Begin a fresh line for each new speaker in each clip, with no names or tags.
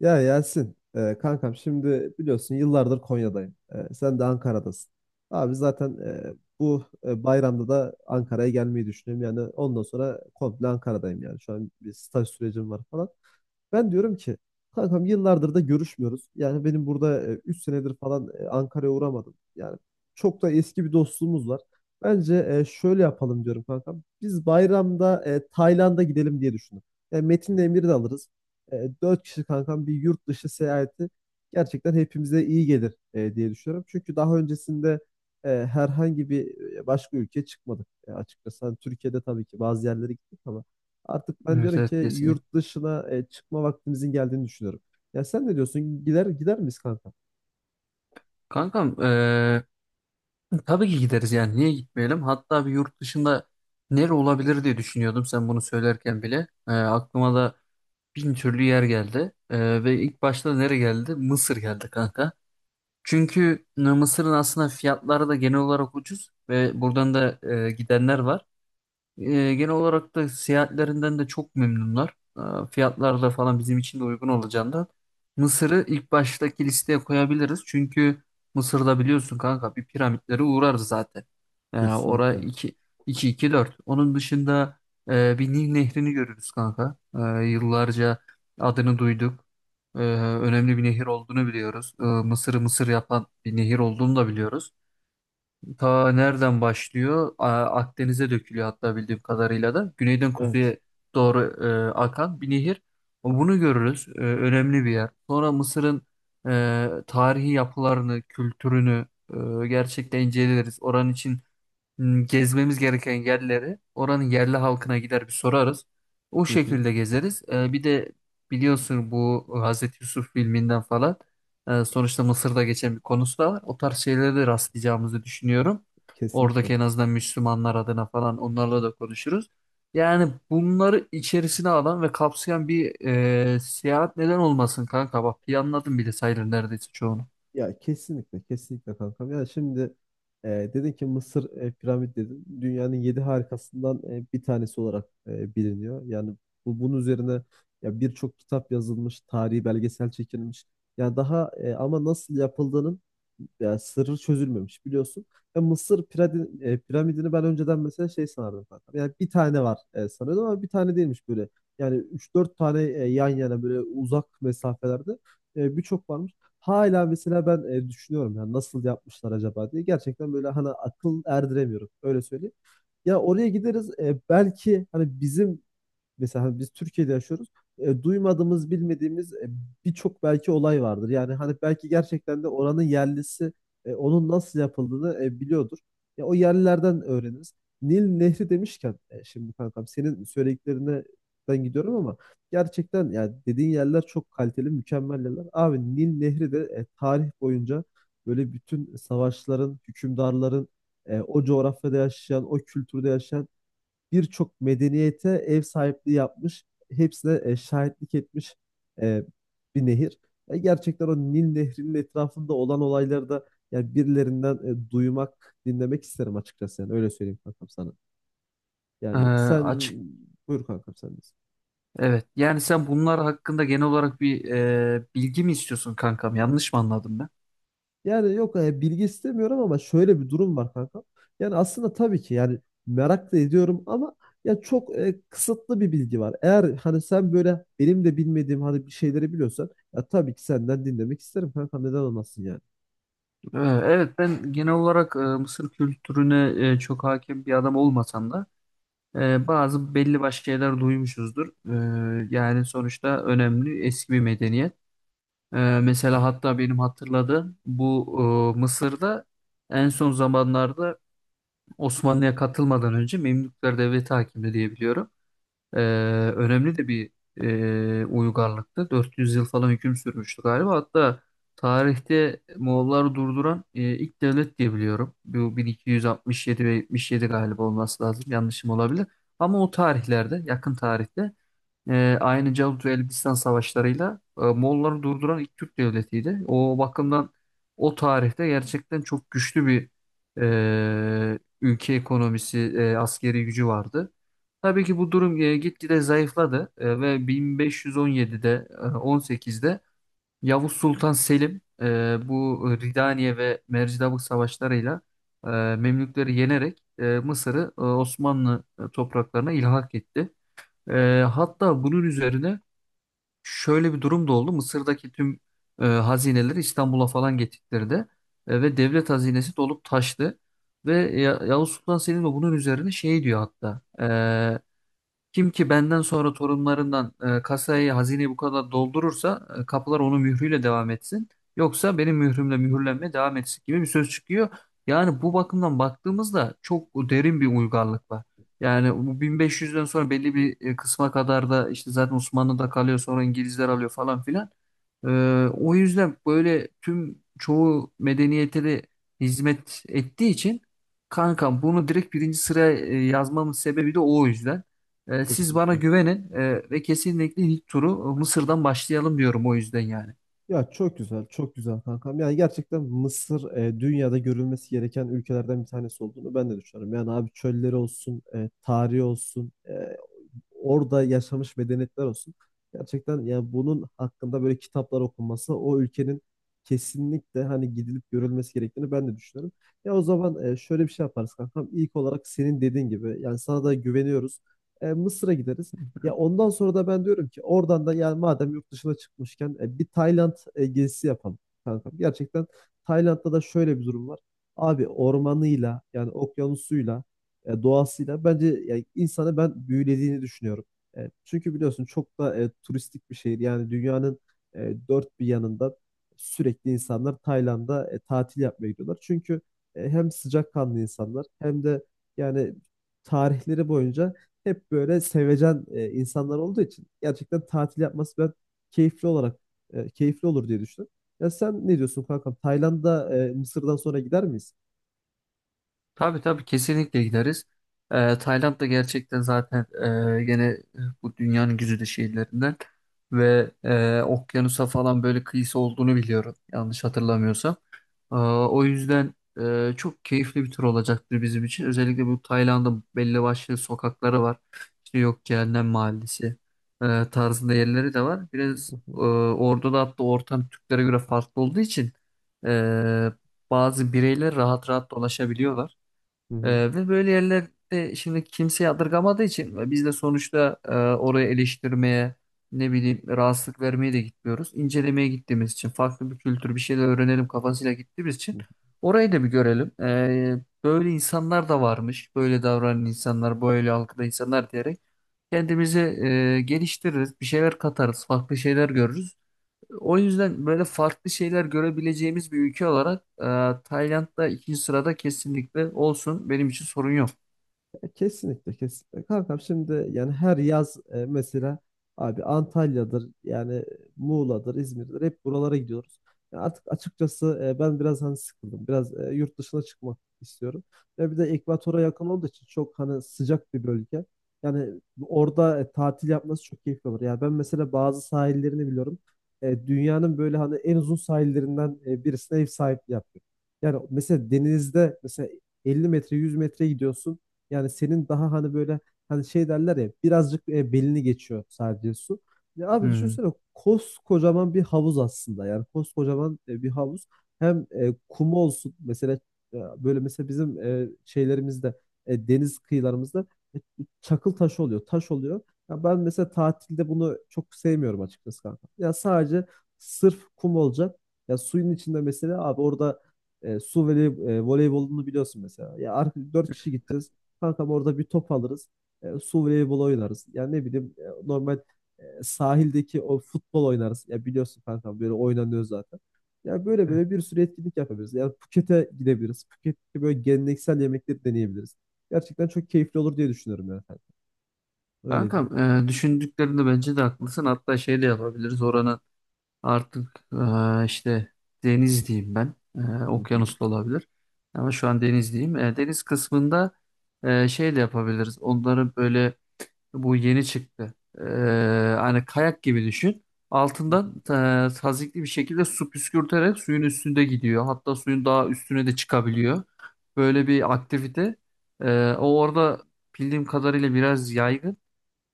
Ya Yasin, kankam şimdi biliyorsun yıllardır Konya'dayım. Sen de Ankara'dasın. Abi zaten bu bayramda da Ankara'ya gelmeyi düşünüyorum. Yani ondan sonra komple Ankara'dayım yani. Şu an bir staj sürecim var falan. Ben diyorum ki kankam yıllardır da görüşmüyoruz. Yani benim burada 3 senedir falan Ankara'ya uğramadım. Yani çok da eski bir dostluğumuz var. Bence şöyle yapalım diyorum kankam. Biz bayramda Tayland'a gidelim diye düşündüm. Yani Metin'le Emir'i de alırız, 4 kişi kankam, bir yurt dışı seyahati gerçekten hepimize iyi gelir diye düşünüyorum. Çünkü daha öncesinde herhangi bir başka ülkeye çıkmadık açıkçası. Hani Türkiye'de tabii ki bazı yerlere gittik ama artık ben
Evet,
diyorum ki
evet, kesinlikle.
yurt dışına çıkma vaktimizin geldiğini düşünüyorum. Ya sen ne diyorsun? Gider miyiz kanka?
Kankam, tabii ki gideriz, yani niye gitmeyelim? Hatta bir yurt dışında nere olabilir diye düşünüyordum sen bunu söylerken bile. Aklıma da bin türlü yer geldi. Ve ilk başta nere geldi? Mısır geldi kanka. Çünkü Mısır'ın aslında fiyatları da genel olarak ucuz ve buradan da gidenler var. E, Genel olarak da seyahatlerinden de çok memnunlar. Fiyatlar da falan bizim için de uygun olacağından. Mısır'ı ilk baştaki listeye koyabiliriz. Çünkü Mısır'da biliyorsun kanka bir piramitlere uğrarız zaten. E, ora
Kesinlikle.
2 2 2 4. Onun dışında bir Nil nehrini görürüz kanka. Yıllarca adını duyduk. Önemli bir nehir olduğunu biliyoruz. Mısır'ı Mısır yapan bir nehir olduğunu da biliyoruz. Ta nereden başlıyor? Akdeniz'e dökülüyor hatta bildiğim kadarıyla da. Güneyden
Evet.
kuzeye doğru akan bir nehir. Bunu görürüz. E, önemli bir yer. Sonra Mısır'ın tarihi yapılarını, kültürünü gerçekten inceleriz. Oranın için gezmemiz gereken yerleri oranın yerli halkına gider bir sorarız. O
Hı hı.
şekilde gezeriz. E, bir de biliyorsun bu Hazreti Yusuf filminden falan sonuçta Mısır'da geçen bir konusu da var. O tarz şeylere de rastlayacağımızı düşünüyorum.
Kesinlikle.
Oradaki en azından Müslümanlar adına falan onlarla da konuşuruz. Yani bunları içerisine alan ve kapsayan bir seyahat neden olmasın kanka? Bak planladım bile sayılır neredeyse çoğunu.
Ya kesinlikle kesinlikle kankam. Yani şimdi, e, dedin ki Mısır, piramit dedin. Dünyanın yedi harikasından bir tanesi olarak biliniyor. Yani bunun üzerine ya birçok kitap yazılmış, tarihi belgesel çekilmiş. Yani daha ama nasıl yapıldığının ya sırrı çözülmemiş biliyorsun. Ya piramidini ben önceden mesela şey sanardım kankam. Yani bir tane var sanıyordum ama bir tane değilmiş böyle. Yani üç dört tane yan yana, böyle uzak mesafelerde, birçok varmış. Hala mesela ben düşünüyorum ya nasıl yapmışlar acaba diye. Gerçekten böyle hani akıl erdiremiyorum. Öyle söyleyeyim. Ya oraya gideriz belki hani bizim, mesela hani biz Türkiye'de yaşıyoruz. Duymadığımız, bilmediğimiz, birçok belki olay vardır. Yani hani belki gerçekten de oranın yerlisi onun nasıl yapıldığını biliyordur. Ya o yerlilerden öğreniriz. Nil Nehri demişken, şimdi kankam senin söylediklerinden gidiyorum ama gerçekten yani dediğin yerler çok kaliteli, mükemmel yerler. Abi Nil Nehri de tarih boyunca böyle bütün savaşların, hükümdarların, o coğrafyada yaşayan, o kültürde yaşayan birçok medeniyete ev sahipliği yapmış, hepsine şahitlik etmiş e, bir nehir. Gerçekten o Nil Nehri'nin etrafında olan olayları da yani birilerinden duymak, dinlemek isterim açıkçası, yani öyle söyleyeyim kankam sana.
E,
Yani sen, buyur kankam sen de.
Evet. Yani sen bunlar hakkında genel olarak bir bilgi mi istiyorsun kankam? Yanlış mı anladım ben?
Yani yok, bilgi istemiyorum ama şöyle bir durum var kanka. Yani aslında tabii ki yani merak da ediyorum ama ya çok kısıtlı bir bilgi var. Eğer hani sen böyle benim de bilmediğim hani bir şeyleri biliyorsan ya tabii ki senden dinlemek isterim kanka, neden olmasın yani.
Ee, Evet, ben genel olarak Mısır kültürüne çok hakim bir adam olmasam da bazı belli başlı şeyler duymuşuzdur. E, yani sonuçta önemli eski bir medeniyet. E, Mesela hatta benim hatırladığım bu Mısır'da en son zamanlarda Osmanlı'ya katılmadan önce Memlükler Devleti hakimdi diye biliyorum. Ee, Önemli de bir uygarlıktı. 400 yıl falan hüküm sürmüştü galiba. Hatta tarihte Moğolları durduran ilk devlet diye biliyorum. Bu 1267 ve 77 galiba olması lazım. Yanlışım olabilir. Ama o tarihlerde, yakın tarihte e, aynı Calut ve Elbistan savaşlarıyla Moğolları durduran ilk Türk devletiydi. O bakımdan o tarihte gerçekten çok güçlü bir ülke ekonomisi, askeri gücü vardı. Tabii ki bu durum gitgide zayıfladı ve 1517'de, 18'de Yavuz Sultan Selim bu Ridaniye ve Mercidabık savaşlarıyla Memlükleri yenerek Mısır'ı Osmanlı topraklarına ilhak etti. Hatta bunun üzerine şöyle bir durum da oldu. Mısır'daki tüm hazineleri İstanbul'a falan getirdi ve devlet hazinesi dolup taştı. Ve Yavuz Sultan Selim de bunun üzerine şey diyor hatta. Kim ki benden sonra torunlarından kasayı, hazineyi bu kadar doldurursa kapılar onun mührüyle devam etsin. Yoksa benim mührümle mühürlenmeye devam etsin gibi bir söz çıkıyor. Yani bu bakımdan baktığımızda çok derin bir uygarlık var. Yani bu 1500'den sonra belli bir kısma kadar da işte zaten Osmanlı'da kalıyor, sonra İngilizler alıyor falan filan. E, O yüzden böyle tüm çoğu medeniyete de hizmet ettiği için kankam bunu direkt birinci sıraya yazmamın sebebi de o yüzden. Siz bana
Kesinlikle.
güvenin ve kesinlikle ilk turu Mısır'dan başlayalım diyorum o yüzden yani.
Ya çok güzel, çok güzel kankam. Yani gerçekten Mısır, dünyada görülmesi gereken ülkelerden bir tanesi olduğunu ben de düşünüyorum. Yani abi çölleri olsun, tarihi olsun, orada yaşamış medeniyetler olsun. Gerçekten yani bunun hakkında böyle kitaplar okunması, o ülkenin kesinlikle hani gidilip görülmesi gerektiğini ben de düşünüyorum. Ya o zaman şöyle bir şey yaparız kankam. İlk olarak senin dediğin gibi, yani sana da güveniyoruz. Mısır'a gideriz. Ya ondan sonra da ben diyorum ki oradan da, yani madem yurt dışına çıkmışken, bir Tayland gezisi yapalım kankam. Gerçekten Tayland'da da şöyle bir durum var. Abi ormanıyla, yani okyanusuyla, doğasıyla bence yani insanı ben büyülediğini düşünüyorum. Çünkü biliyorsun çok da turistik bir şehir. Yani dünyanın dört bir yanında sürekli insanlar Tayland'a tatil yapmaya gidiyorlar. Çünkü hem sıcakkanlı insanlar hem de yani tarihleri boyunca hep böyle sevecen insanlar olduğu için gerçekten tatil yapması ben keyifli olarak, keyifli olur diye düşünüyorum. Ya sen ne diyorsun kankam? Tayland'a Mısır'dan sonra gider miyiz?
Tabii, tabii, kesinlikle gideriz. Tayland da gerçekten zaten gene bu dünyanın güzide şehirlerinden ve okyanusa falan böyle kıyısı olduğunu biliyorum yanlış hatırlamıyorsam. O yüzden çok keyifli bir tur olacaktır bizim için. Özellikle bu Tayland'ın belli başlı sokakları var. İşte yok Cehennem Mahallesi tarzında yerleri de var. Biraz
Hı hı.
orada da hatta ortam Türklere göre farklı olduğu için e, bazı bireyler rahat rahat dolaşabiliyorlar.
Hı hı.
Ve böyle yerlerde şimdi kimse yadırgamadığı için ve biz de sonuçta oraya eleştirmeye ne bileyim rahatsızlık vermeye de gitmiyoruz. İncelemeye gittiğimiz için, farklı bir kültür, bir şeyler öğrenelim kafasıyla gittiğimiz için orayı da bir görelim. Böyle insanlar da varmış, böyle davranan insanlar, böyle algıda insanlar diyerek kendimizi geliştiririz, bir şeyler katarız, farklı şeyler görürüz. O yüzden böyle farklı şeyler görebileceğimiz bir ülke olarak Tayland'da ikinci sırada kesinlikle olsun. Benim için sorun yok.
Ya kesinlikle kesinlikle. Kankam şimdi yani her yaz mesela abi Antalya'dır yani, Muğla'dır, İzmir'dir, hep buralara gidiyoruz. Ya artık açıkçası ben biraz hani sıkıldım. Biraz yurt dışına çıkmak istiyorum. Ya bir de ekvatora yakın olduğu için çok hani sıcak bir bölge. Yani orada tatil yapması çok keyifli olur. Yani ben mesela bazı sahillerini biliyorum. Dünyanın böyle hani en uzun sahillerinden birisine ev sahipliği yapıyor. Yani mesela denizde mesela 50 metre, 100 metre gidiyorsun. Yani senin daha hani böyle hani şey derler ya, birazcık belini geçiyor sadece su. Ya abi
Hmm,
düşünsene koskocaman bir havuz aslında. Yani koskocaman bir havuz. Hem kumu olsun mesela, böyle mesela bizim şeylerimizde, deniz kıyılarımızda, e, çakıl taşı oluyor, taş oluyor. Ya ben mesela tatilde bunu çok sevmiyorum açıkçası kanka. Ya sadece sırf kum olacak. Ya suyun içinde mesela abi orada su voley, voleybolunu biliyorsun mesela. Ya artık 4 kişi gideceğiz. Kankam orada bir top alırız. Su voleybolu oynarız. Yani ne bileyim normal sahildeki o futbol oynarız. Ya biliyorsun kankam böyle oynanıyor zaten. Ya böyle
evet.
böyle bir sürü etkinlik yapabiliriz. Yani Phuket'e gidebiliriz. Phuket'te böyle geleneksel yemekleri deneyebiliriz. Gerçekten çok keyifli olur diye düşünüyorum yani. Öyle diyeyim.
Kankam, düşündüklerinde bence de haklısın. Hatta şey de yapabiliriz. Oranın artık işte deniz diyeyim ben. E,
Hı hı.
okyanus da olabilir. Ama şu an deniz diyeyim. E, deniz kısmında şey de yapabiliriz. Onları böyle bu yeni çıktı. Hani kayak gibi düşün.
Hı hı.
Altından tazikli bir şekilde su püskürterek suyun üstünde gidiyor. Hatta suyun daha üstüne de çıkabiliyor. Böyle bir aktivite. O orada bildiğim kadarıyla biraz yaygın.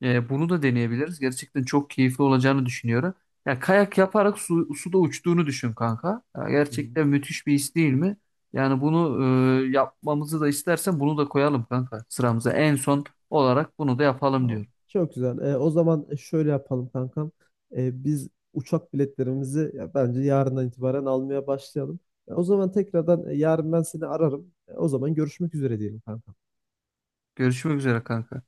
Bunu da deneyebiliriz. Gerçekten çok keyifli olacağını düşünüyorum. Ya kayak yaparak su, suda uçtuğunu düşün kanka. Ya
Hı hı.
gerçekten müthiş bir his değil mi? Yani bunu yapmamızı da istersen bunu da koyalım kanka sıramıza. En son olarak bunu da yapalım
Tamam.
diyorum.
Çok güzel. O zaman şöyle yapalım kankam. Biz uçak biletlerimizi ya, bence yarından itibaren almaya başlayalım. Ya, o zaman tekrardan yarın ben seni ararım. O zaman görüşmek üzere diyelim kankam.
Görüşmek üzere kanka.